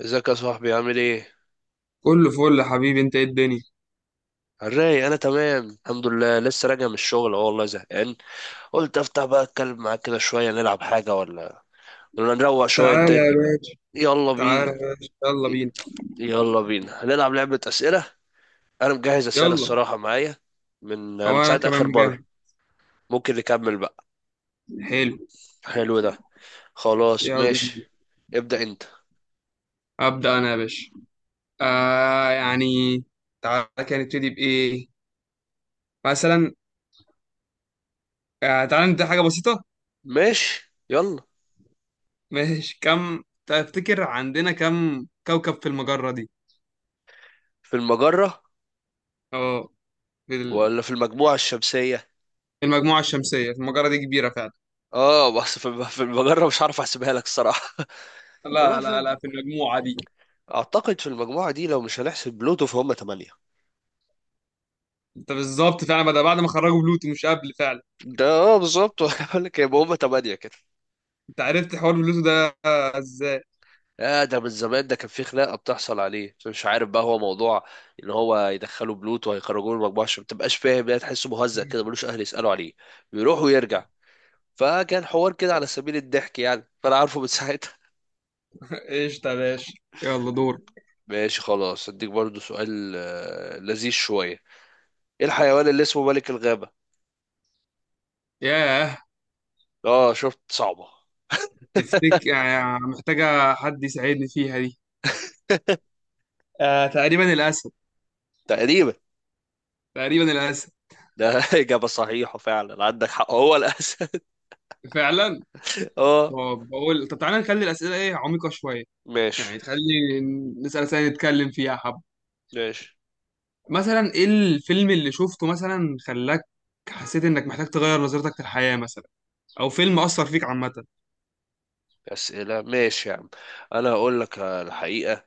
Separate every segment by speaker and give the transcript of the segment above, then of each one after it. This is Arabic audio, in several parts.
Speaker 1: ازيك يا صاحبي؟ عامل ايه؟
Speaker 2: كله فل يا حبيبي، انت ايه الدنيا؟
Speaker 1: الراي انا تمام الحمد لله، لسه راجع من الشغل. اه والله زهقان، قلت افتح بقى اتكلم معاك كده شويه، نلعب حاجه ولا نروق شويه
Speaker 2: تعالى
Speaker 1: انت.
Speaker 2: يا باشا،
Speaker 1: يلا بينا،
Speaker 2: تعالى يا باشا، يلا بينا.
Speaker 1: يلا بينا هنلعب لعبه اسئله. انا مجهز اسئله
Speaker 2: يلا،
Speaker 1: الصراحه معايا من
Speaker 2: هو
Speaker 1: من
Speaker 2: انا
Speaker 1: ساعه
Speaker 2: كمان
Speaker 1: اخر بره.
Speaker 2: مجهز.
Speaker 1: ممكن نكمل بقى؟
Speaker 2: حلو.
Speaker 1: حلو ده. خلاص
Speaker 2: يلا بينا.
Speaker 1: ماشي. ابدا انت.
Speaker 2: ابدا انا يا باشا. يعني تعالى كده نبتدي بايه؟ مثلا، تعالى نبدا حاجه بسيطه.
Speaker 1: ماشي يلا.
Speaker 2: ماشي. كم تفتكر عندنا كم كوكب في المجره دي؟
Speaker 1: في المجره
Speaker 2: اه، في ال-
Speaker 1: ولا في المجموعه الشمسيه؟
Speaker 2: في المجموعه الشمسيه. في المجره دي كبيره فعلا.
Speaker 1: اه بس في المجره مش عارف احسبها لك الصراحه. والله
Speaker 2: لا لا
Speaker 1: في،
Speaker 2: لا، في المجموعه دي.
Speaker 1: اعتقد في المجموعه دي لو مش هنحسب بلوتو فهم 8.
Speaker 2: انت بالظبط فعلا. بعد ما خرجوا بلوتو مش قبل فعلا.
Speaker 1: ده اه بالظبط. بقول لك يبقى هم 8 كده.
Speaker 2: انت عرفت حوار بلوتو ده ازاي؟
Speaker 1: آه ده من زمان، ده كان في خناقه بتحصل عليه، مش عارف بقى هو موضوع ان هو يدخلوا بلوتو هيخرجوه من المجموعه عشان ما تبقاش، فاهم يعني، تحسه مهزأ كده ملوش اهل يسالوا عليه، بيروح ويرجع. فكان حوار كده على سبيل الضحك يعني، فانا عارفه من ساعتها.
Speaker 2: ايش يا باشا، يلا دور.
Speaker 1: ماشي خلاص اديك برضو سؤال، آه، لذيذ شويه. ايه الحيوان اللي اسمه ملك الغابه؟
Speaker 2: ياه،
Speaker 1: اه شفت؟ صعبه.
Speaker 2: تفتك يعني محتاجة حد يساعدني فيها دي. آه، تقريبا الأسد.
Speaker 1: تقريبا.
Speaker 2: تقريبا الأسد.
Speaker 1: ده إجابة صحيحة فعلا، عندك حق هو الأسد.
Speaker 2: فعلا.
Speaker 1: اه.
Speaker 2: طب بقول، طب تعالى نخلي الأسئلة إيه، عميقة شوية.
Speaker 1: ماشي
Speaker 2: يعني تخلي نسأل أسئلة نتكلم فيها حب.
Speaker 1: ماشي.
Speaker 2: مثلا إيه الفيلم اللي شفته مثلا خلاك حسيت إنك محتاج تغير نظرتك للحياة، مثلا، أو فيلم أثر فيك عامة.
Speaker 1: أسئلة، ماشي يا عم. أنا هقول لك الحقيقة،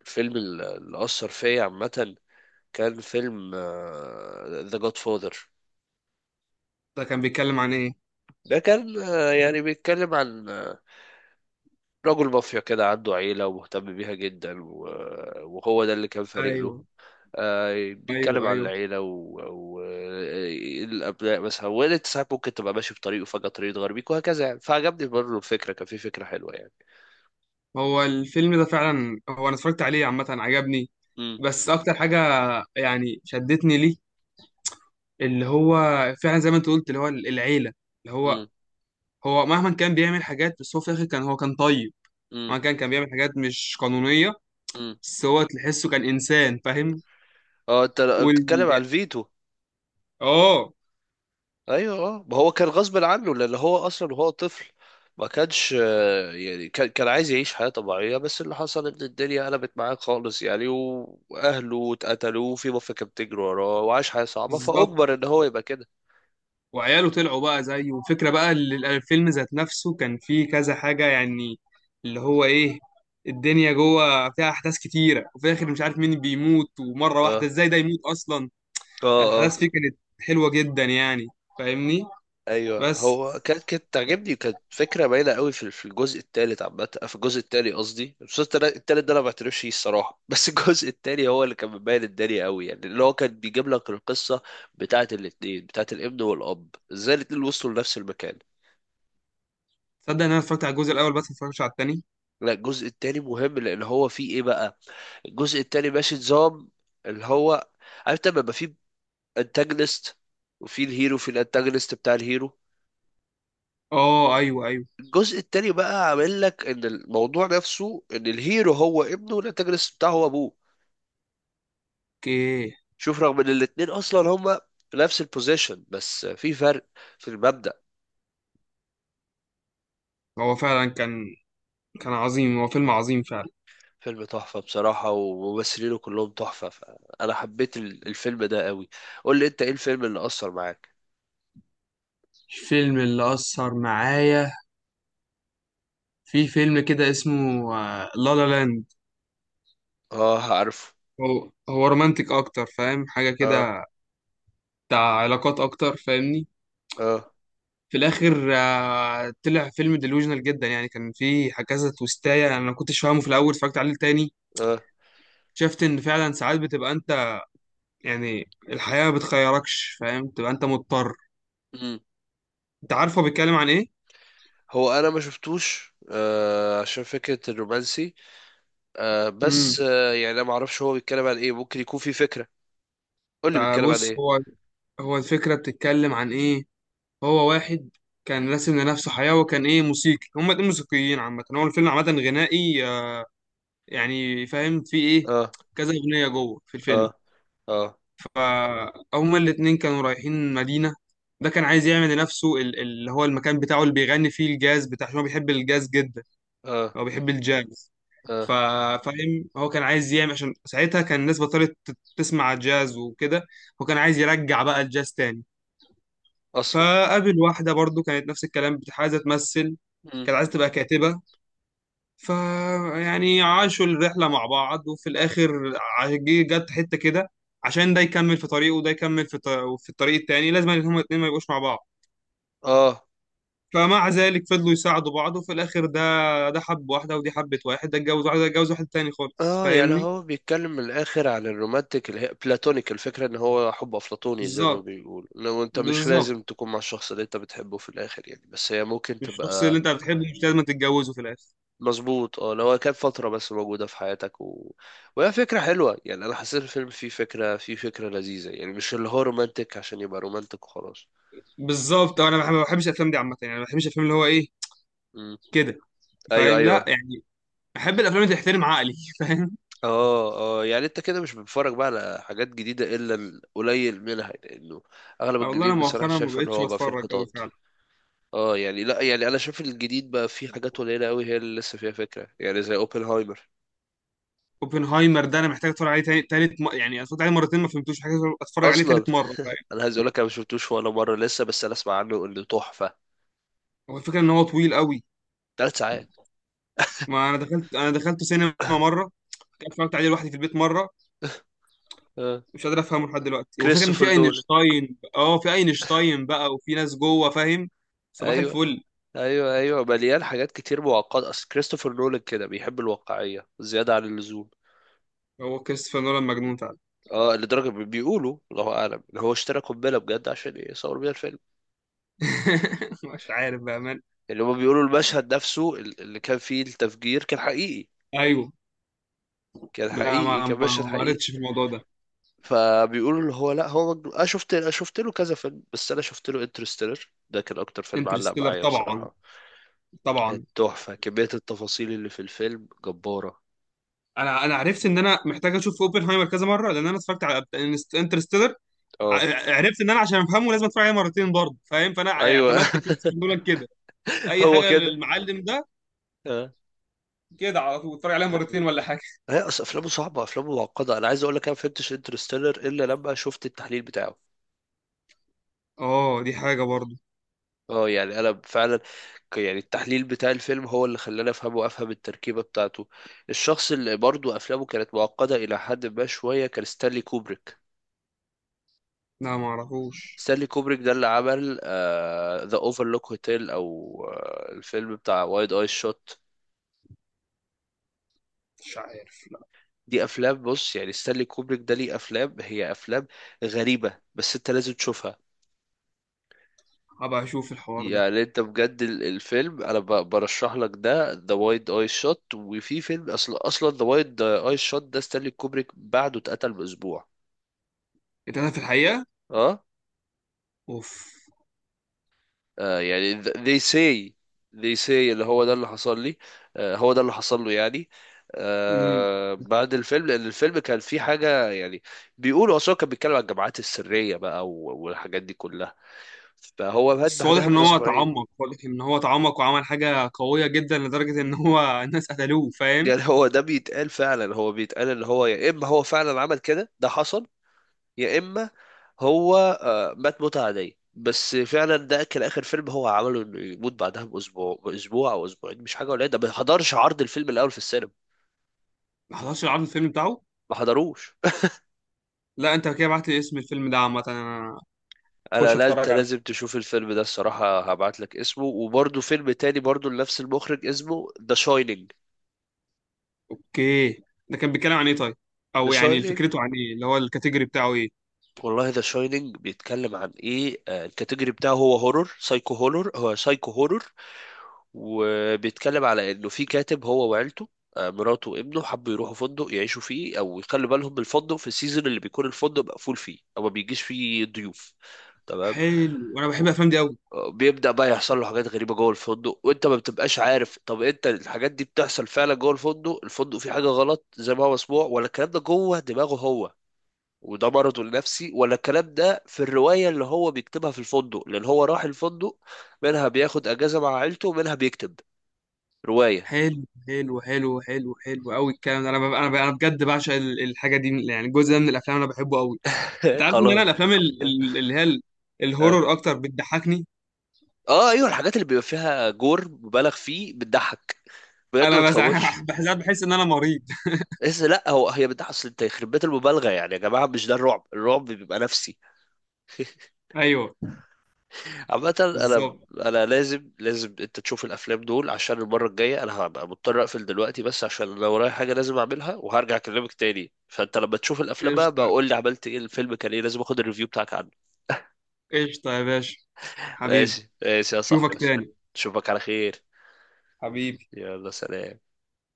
Speaker 1: الفيلم اللي أثر فيا عامة كان فيلم ذا جاد فاذر.
Speaker 2: ده كان بيتكلم عن إيه؟
Speaker 1: ده كان، آه، يعني بيتكلم عن، آه، رجل مافيا كده عنده عيلة ومهتم بيها جدا، وهو ده اللي كان فارق له.
Speaker 2: أيوه،
Speaker 1: آه، بيتكلم
Speaker 2: أيوه،
Speaker 1: عن
Speaker 2: أيوه.
Speaker 1: العيلة والأبناء مثلا، وانت ساعات ممكن تبقى ماشي بطريقه، فجأة طريق تغير بيك وهكذا يعني، فعجبني برضه الفكرة، كان في فكرة حلوة يعني.
Speaker 2: هو الفيلم ده فعلا، هو انا اتفرجت عليه عامه عجبني.
Speaker 1: مم،
Speaker 2: بس اكتر حاجه يعني شدتني ليه، اللي هو فعلا زي ما انت قلت، اللي هو العيله. اللي هو
Speaker 1: مم،
Speaker 2: هو مهما كان بيعمل حاجات، بس هو في الاخر كان، هو كان طيب.
Speaker 1: مم،
Speaker 2: مهما كان بيعمل حاجات مش قانونيه،
Speaker 1: مم.
Speaker 2: بس هو تحسه كان انسان فاهم.
Speaker 1: اه انت
Speaker 2: وال
Speaker 1: بتتكلم على الفيتو.
Speaker 2: اه،
Speaker 1: ايوه اه، ما هو كان غصب عنه لان هو اصلا وهو طفل ما كانش، آه، يعني كان كان عايز يعيش حياة طبيعية، بس اللي حصل ان الدنيا قلبت معاه خالص يعني، واهله اتقتلوا وفي مافيا كانت بتجري وراه وعاش حياة صعبة،
Speaker 2: بالظبط.
Speaker 1: فاجبر ان هو يبقى كده.
Speaker 2: وعياله طلعوا بقى زيه، والفكرة بقى، الفيلم ذات نفسه كان فيه كذا حاجة يعني. اللي هو إيه، الدنيا جوه فيها أحداث كتيرة، وفي الآخر مش عارف مين بيموت ومرة
Speaker 1: اه
Speaker 2: واحدة إزاي ده يموت أصلا.
Speaker 1: اه
Speaker 2: الأحداث
Speaker 1: اه.
Speaker 2: فيه كانت حلوة جدا يعني، فاهمني؟
Speaker 1: ايوه
Speaker 2: بس
Speaker 1: هو كانت تعجبني، كانت فكره باينه قوي في الجزء الثالث عامه، آه، في الجزء الثاني قصدي، الجزء الثالث ده انا ما بعترفش فيه الصراحه، بس الجزء الثاني هو اللي كان مبين الدنيا قوي يعني، اللي هو كان بيجيب لك القصه بتاعه الاثنين، بتاعه الابن والاب، ازاي الاثنين وصلوا لنفس المكان.
Speaker 2: تصدق إن أنا اتفرجت على الجزء الأول بس، ما اتفرجتش على التاني.
Speaker 1: لا الجزء الثاني مهم لان هو فيه ايه بقى، الجزء الثاني ماشي نظام اللي هو، عارف لما يبقى فيه انتاجونست وفي الهيرو، في الانتاجونست بتاع الهيرو.
Speaker 2: آه، أيوه، أيوه،
Speaker 1: الجزء التاني بقى عامل لك ان الموضوع نفسه ان الهيرو هو ابنه، والانتاجونست بتاعه هو ابوه.
Speaker 2: أوكي.
Speaker 1: شوف، رغم ان الاتنين اصلا هما في نفس البوزيشن بس في فرق في المبدأ.
Speaker 2: هو فعلا كان، كان عظيم، هو فيلم عظيم فعلا.
Speaker 1: فيلم تحفة بصراحة، وممثلينه كلهم تحفة، فأنا حبيت الفيلم ده قوي. قول لي أنت، إيه الفيلم اللي أثر معاك؟
Speaker 2: الفيلم اللي أثر معايا، في فيلم كده اسمه لا لا لاند.
Speaker 1: آه عارفه.
Speaker 2: هو هو رومانتك اكتر، فاهم حاجه
Speaker 1: آه.
Speaker 2: كده، بتاع علاقات اكتر، فاهمني؟
Speaker 1: آه.
Speaker 2: في الاخر آه، طلع فيلم ديلوجنال جدا يعني. كان فيه كذا تويستايه انا ما كنتش فاهمه في الاول، اتفرجت عليه تاني،
Speaker 1: آه.
Speaker 2: شفت ان فعلا ساعات بتبقى انت، يعني الحياه ما بتخيركش، فاهم؟ تبقى انت مضطر.
Speaker 1: مم.
Speaker 2: انت عارفه بيتكلم عن ايه؟
Speaker 1: هو أنا ما شفتوش، آه، عشان فكرة الرومانسي. آه
Speaker 2: امم،
Speaker 1: بس آه يعني أنا ما أعرفش هو بيتكلم عن إيه، ممكن يكون في فكرة. قول لي بيتكلم عن
Speaker 2: بص،
Speaker 1: إيه.
Speaker 2: هو هو الفكره بتتكلم عن ايه، هو واحد كان راسم لنفسه حياه، وكان ايه، موسيقي. هما الاتنين موسيقيين عامه. هو الفيلم عامه غنائي، يعني فاهم في ايه،
Speaker 1: اه.
Speaker 2: كذا اغنيه جوه في
Speaker 1: اه.
Speaker 2: الفيلم.
Speaker 1: اه.
Speaker 2: فهما الاتنين كانوا رايحين مدينه. ده كان عايز يعمل لنفسه اللي هو المكان بتاعه اللي بيغني فيه الجاز بتاع، عشان هو بيحب الجاز جدا،
Speaker 1: اه.
Speaker 2: هو بيحب الجاز. ف-
Speaker 1: اه.
Speaker 2: فاهم، هو كان عايز يعمل، عشان ساعتها كان الناس بطلت تسمع جاز وكده، هو كان عايز يرجع بقى الجاز تاني.
Speaker 1: اصلا.
Speaker 2: فقابل واحدة برضو كانت نفس الكلام، عايزة تمثل،
Speaker 1: مم.
Speaker 2: كانت عايزة تبقى كاتبة. فيعني عاشوا الرحلة مع بعض، وفي الآخر جت حتة كده عشان ده يكمل في طريقه، وده يكمل في في الطريق التاني، لازم إن هما الاتنين ما يبقوش مع بعض.
Speaker 1: اه
Speaker 2: فمع ذلك فضلوا يساعدوا بعض، وفي الآخر ده، ده حب واحدة ودي حبت واحد، ده اتجوز واحدة ده اتجوز واحد تاني خالص،
Speaker 1: اه، يعني
Speaker 2: فاهمني؟
Speaker 1: هو بيتكلم من الاخر عن الرومانتيك اللي هي بلاتونيك، الفكره ان هو حب افلاطوني، زي ما
Speaker 2: بالظبط،
Speaker 1: بيقول لو انت مش
Speaker 2: بالظبط.
Speaker 1: لازم تكون مع الشخص اللي انت بتحبه في الاخر يعني، بس هي ممكن
Speaker 2: الشخص اللي
Speaker 1: تبقى.
Speaker 2: أنت بتحبه مش لازم تتجوزه في الآخر.
Speaker 1: مظبوط اه، لو هي كانت فتره بس موجوده في حياتك و... وهي فكره حلوه يعني، انا حسيت الفيلم فيه فكره، فيه فكره لذيذه يعني، مش اللي هو رومانتيك عشان يبقى رومانتيك وخلاص.
Speaker 2: بالظبط. أنا ما بحبش الأفلام دي عامة، يعني ما بحبش الأفلام اللي هو إيه
Speaker 1: مم.
Speaker 2: كده،
Speaker 1: ايوه
Speaker 2: فاهم؟ لا
Speaker 1: ايوه.
Speaker 2: يعني، أحب الأفلام اللي تحترم عقلي. فاهم؟
Speaker 1: اه اه، يعني انت كده مش بتتفرج بقى على حاجات جديدة الا القليل منها، لانه اغلب
Speaker 2: والله أنا
Speaker 1: الجديد بصراحة
Speaker 2: مؤخرا ما
Speaker 1: شايف ان
Speaker 2: بقتش
Speaker 1: هو بقى فيه
Speaker 2: بتفرج أوي.
Speaker 1: انحطاط. اه يعني لا يعني، انا شايف الجديد بقى فيه حاجات قليلة قوي هي اللي لسه فيها فكرة يعني، زي اوبنهايمر.
Speaker 2: اوبنهايمر ده انا محتاج اتفرج عليه تاني تالت، يعني اتفرج عليه مرتين ما فهمتوش، محتاج اتفرج عليه
Speaker 1: اصلا
Speaker 2: تالت مره، فاهم؟
Speaker 1: انا عايز اقول لك انا ما شفتوش ولا مرة لسه، بس انا اسمع عنه انه تحفة.
Speaker 2: هو الفكره ان هو طويل قوي.
Speaker 1: 3 ساعات.
Speaker 2: ما انا دخلت سينما مره، اتفرجت عليه لوحدي في البيت مره،
Speaker 1: اه.
Speaker 2: مش قادر افهمه لحد دلوقتي. وفكره ان في
Speaker 1: كريستوفر نولان.
Speaker 2: اينشتاين اه في اينشتاين بقى، وفي ناس جوه، فاهم؟ صباح
Speaker 1: ايوه.
Speaker 2: الفل.
Speaker 1: ايوه ايوه مليان حاجات كتير معقدة، اصل كريستوفر نولان كده بيحب الواقعية زيادة عن اللزوم.
Speaker 2: هو كريستوفر نولان مجنون فعلا.
Speaker 1: اه لدرجة بيقولوا الله أعلم إن هو اشترى قنبلة بجد، عشان إيه؟ يصور بيها الفيلم.
Speaker 2: مش عارف بقى من.
Speaker 1: يعني هما بيقولوا المشهد نفسه اللي كان فيه التفجير كان حقيقي،
Speaker 2: ايوه.
Speaker 1: كان
Speaker 2: لا،
Speaker 1: حقيقي
Speaker 2: ما ما
Speaker 1: كان مشهد
Speaker 2: ما
Speaker 1: حقيقي.
Speaker 2: قريتش في الموضوع ده.
Speaker 1: فبيقولوا اللي هو لا هو مجنون. أنا شفت، أنا شفت له كذا فيلم، بس أنا شفت له انترستيلر ده كان أكتر فيلم علق
Speaker 2: انترستيلر
Speaker 1: معايا
Speaker 2: طبعا،
Speaker 1: بصراحة. كانت
Speaker 2: طبعا.
Speaker 1: تحفة، كمية التفاصيل اللي في الفيلم جبارة.
Speaker 2: انا عرفت ان انا محتاج اشوف اوبنهايمر كذا مره، لان انا اتفرجت على انترستيلر،
Speaker 1: اه.
Speaker 2: عرفت ان انا عشان افهمه لازم اتفرج عليه مرتين برضه، فاهم؟ فانا
Speaker 1: أيوه.
Speaker 2: اعتمدت كريستوفر نولان كده اي
Speaker 1: هو
Speaker 2: حاجه
Speaker 1: كده.
Speaker 2: للمعلم ده،
Speaker 1: اه.
Speaker 2: كده على طول اتفرج عليها مرتين ولا حاجه.
Speaker 1: هي أصل أفلامه صعبة، أفلامه معقدة، أنا عايز أقول لك أنا ما فهمتش انترستيلر إلا لما شفت التحليل بتاعه.
Speaker 2: اه، دي حاجه برضه.
Speaker 1: اه يعني انا فعلا، يعني التحليل بتاع الفيلم هو اللي خلاني افهمه وافهم التركيبه بتاعته. الشخص اللي برضه افلامه كانت معقده الى حد ما شويه كان ستانلي كوبريك.
Speaker 2: لا، ما اعرفوش.
Speaker 1: ستانلي كوبريك ده اللي عمل ذا اوفرلوك هوتيل، او آه الفيلم بتاع وايد اي شوت.
Speaker 2: مش عارف، لا.
Speaker 1: دي افلام، بص يعني ستانلي كوبريك ده ليه افلام، هي افلام غريبه بس انت لازم تشوفها.
Speaker 2: هبقى اشوف الحوار ده.
Speaker 1: يعني انت بجد الفيلم انا برشح لك ده ذا وايد اي شوت، وفي فيلم اصلا اصلا ذا وايد اي شوت ده ستانلي كوبريك بعده اتقتل بأسبوع.
Speaker 2: اتقتل في الحقيقه؟
Speaker 1: اه.
Speaker 2: اوف.
Speaker 1: آه يعني they say, they say اللي هو ده اللي حصل لي، آه هو ده اللي حصل له يعني،
Speaker 2: امم،
Speaker 1: آه بعد الفيلم لان الفيلم كان فيه حاجه يعني. بيقولوا اصلا كان بيتكلم عن الجماعات السريه بقى والحاجات دي كلها، فهو مات
Speaker 2: بس
Speaker 1: بعدها
Speaker 2: واضح ان هو
Speaker 1: بأسبوعين.
Speaker 2: تعمق، واضح ان هو تعمق وعمل حاجه قويه جدا لدرجه ان هو الناس قتلوه، فاهم؟
Speaker 1: يعني هو ده بيتقال فعلا، هو بيتقال اللي هو يا اما هو فعلا عمل كده ده حصل، يا اما هو، آه، مات موتة عادية. بس فعلا ده كان اخر فيلم هو عمله، انه يموت بعدها بأسبوع، بأسبوع او أسبوعين مش حاجه قليله، ده ما حضرش عرض الفيلم الاول في السينما،
Speaker 2: ما حضرش العرض الفيلم بتاعه؟
Speaker 1: ما حضروش.
Speaker 2: لا انت كده بعت لي اسم الفيلم ده عامه، انا
Speaker 1: انا
Speaker 2: اخش
Speaker 1: لا، انت
Speaker 2: اتفرج
Speaker 1: لازم
Speaker 2: عليه.
Speaker 1: تشوف الفيلم ده الصراحه، هبعت لك اسمه، وبرده فيلم تاني برده لنفس المخرج اسمه ذا شاينينج.
Speaker 2: اوكي. ده كان بيتكلم عن ايه طيب؟
Speaker 1: ذا
Speaker 2: او يعني
Speaker 1: شاينينج،
Speaker 2: فكرته عن ايه، اللي هو الكاتيجوري بتاعه ايه؟
Speaker 1: والله ذا شاينينج بيتكلم عن ايه، آه، الكاتيجوري بتاعه هو هورور، سايكو هورور، هو سايكو هورور. وبيتكلم على انه في كاتب هو وعيلته، آه، مراته وابنه، حبوا يروحوا فندق يعيشوا فيه او يخلوا بالهم من الفندق في السيزون اللي بيكون الفندق مقفول فيه او ما بيجيش فيه ضيوف. تمام.
Speaker 2: حلو، وانا بحب الافلام دي قوي.
Speaker 1: آه، بيبدأ بقى يحصل له حاجات غريبة جوه الفندق، وانت ما بتبقاش عارف طب انت الحاجات دي بتحصل فعلا جوه الفندق، الفندق فيه حاجة غلط زي ما هو مسموع، ولا الكلام ده جوه دماغه هو وده مرضه النفسي، ولا الكلام ده في الرواية اللي هو بيكتبها في الفندق، لأن هو راح الفندق منها بياخد أجازة مع عيلته، ومنها بيكتب رواية.
Speaker 2: حلو حلو حلو حلو حلو، قوي الكلام ده. انا بجد بعشق الحاجه دي، يعني الجزء ده من الافلام انا بحبه قوي. انت عارف ان انا
Speaker 1: خلاص.
Speaker 2: الافلام
Speaker 1: اه.
Speaker 2: اللي هي
Speaker 1: اه.
Speaker 2: الهورر اكتر بتضحكني.
Speaker 1: آه، ايوه الحاجات اللي بيبقى فيها جور مبالغ فيه بتضحك بجد، ما
Speaker 2: انا بس
Speaker 1: بتخوفش.
Speaker 2: بحس ان انا مريض.
Speaker 1: بس لا هو هي بتضحك، اصل انت يخرب بيت المبالغه يعني، يا جماعه مش ده الرعب، الرعب بيبقى نفسي.
Speaker 2: ايوه،
Speaker 1: عامه انا،
Speaker 2: بالظبط.
Speaker 1: انا لازم، لازم انت تشوف الافلام دول، عشان المره الجايه. انا هبقى مضطر اقفل دلوقتي بس عشان انا ورايا حاجه لازم اعملها، وهرجع اكلمك تاني. فانت لما تشوف الافلام بقى
Speaker 2: قشطه،
Speaker 1: بقول لي عملت ايه، الفيلم كان ايه، لازم اخد الريفيو بتاعك عنه.
Speaker 2: قشطه يا باشا، حبيبي.
Speaker 1: ماشي ماشي يا صاحبي،
Speaker 2: اشوفك
Speaker 1: ماشي.
Speaker 2: تاني،
Speaker 1: اشوفك على خير.
Speaker 2: حبيبي.
Speaker 1: يلا سلام.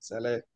Speaker 2: سلام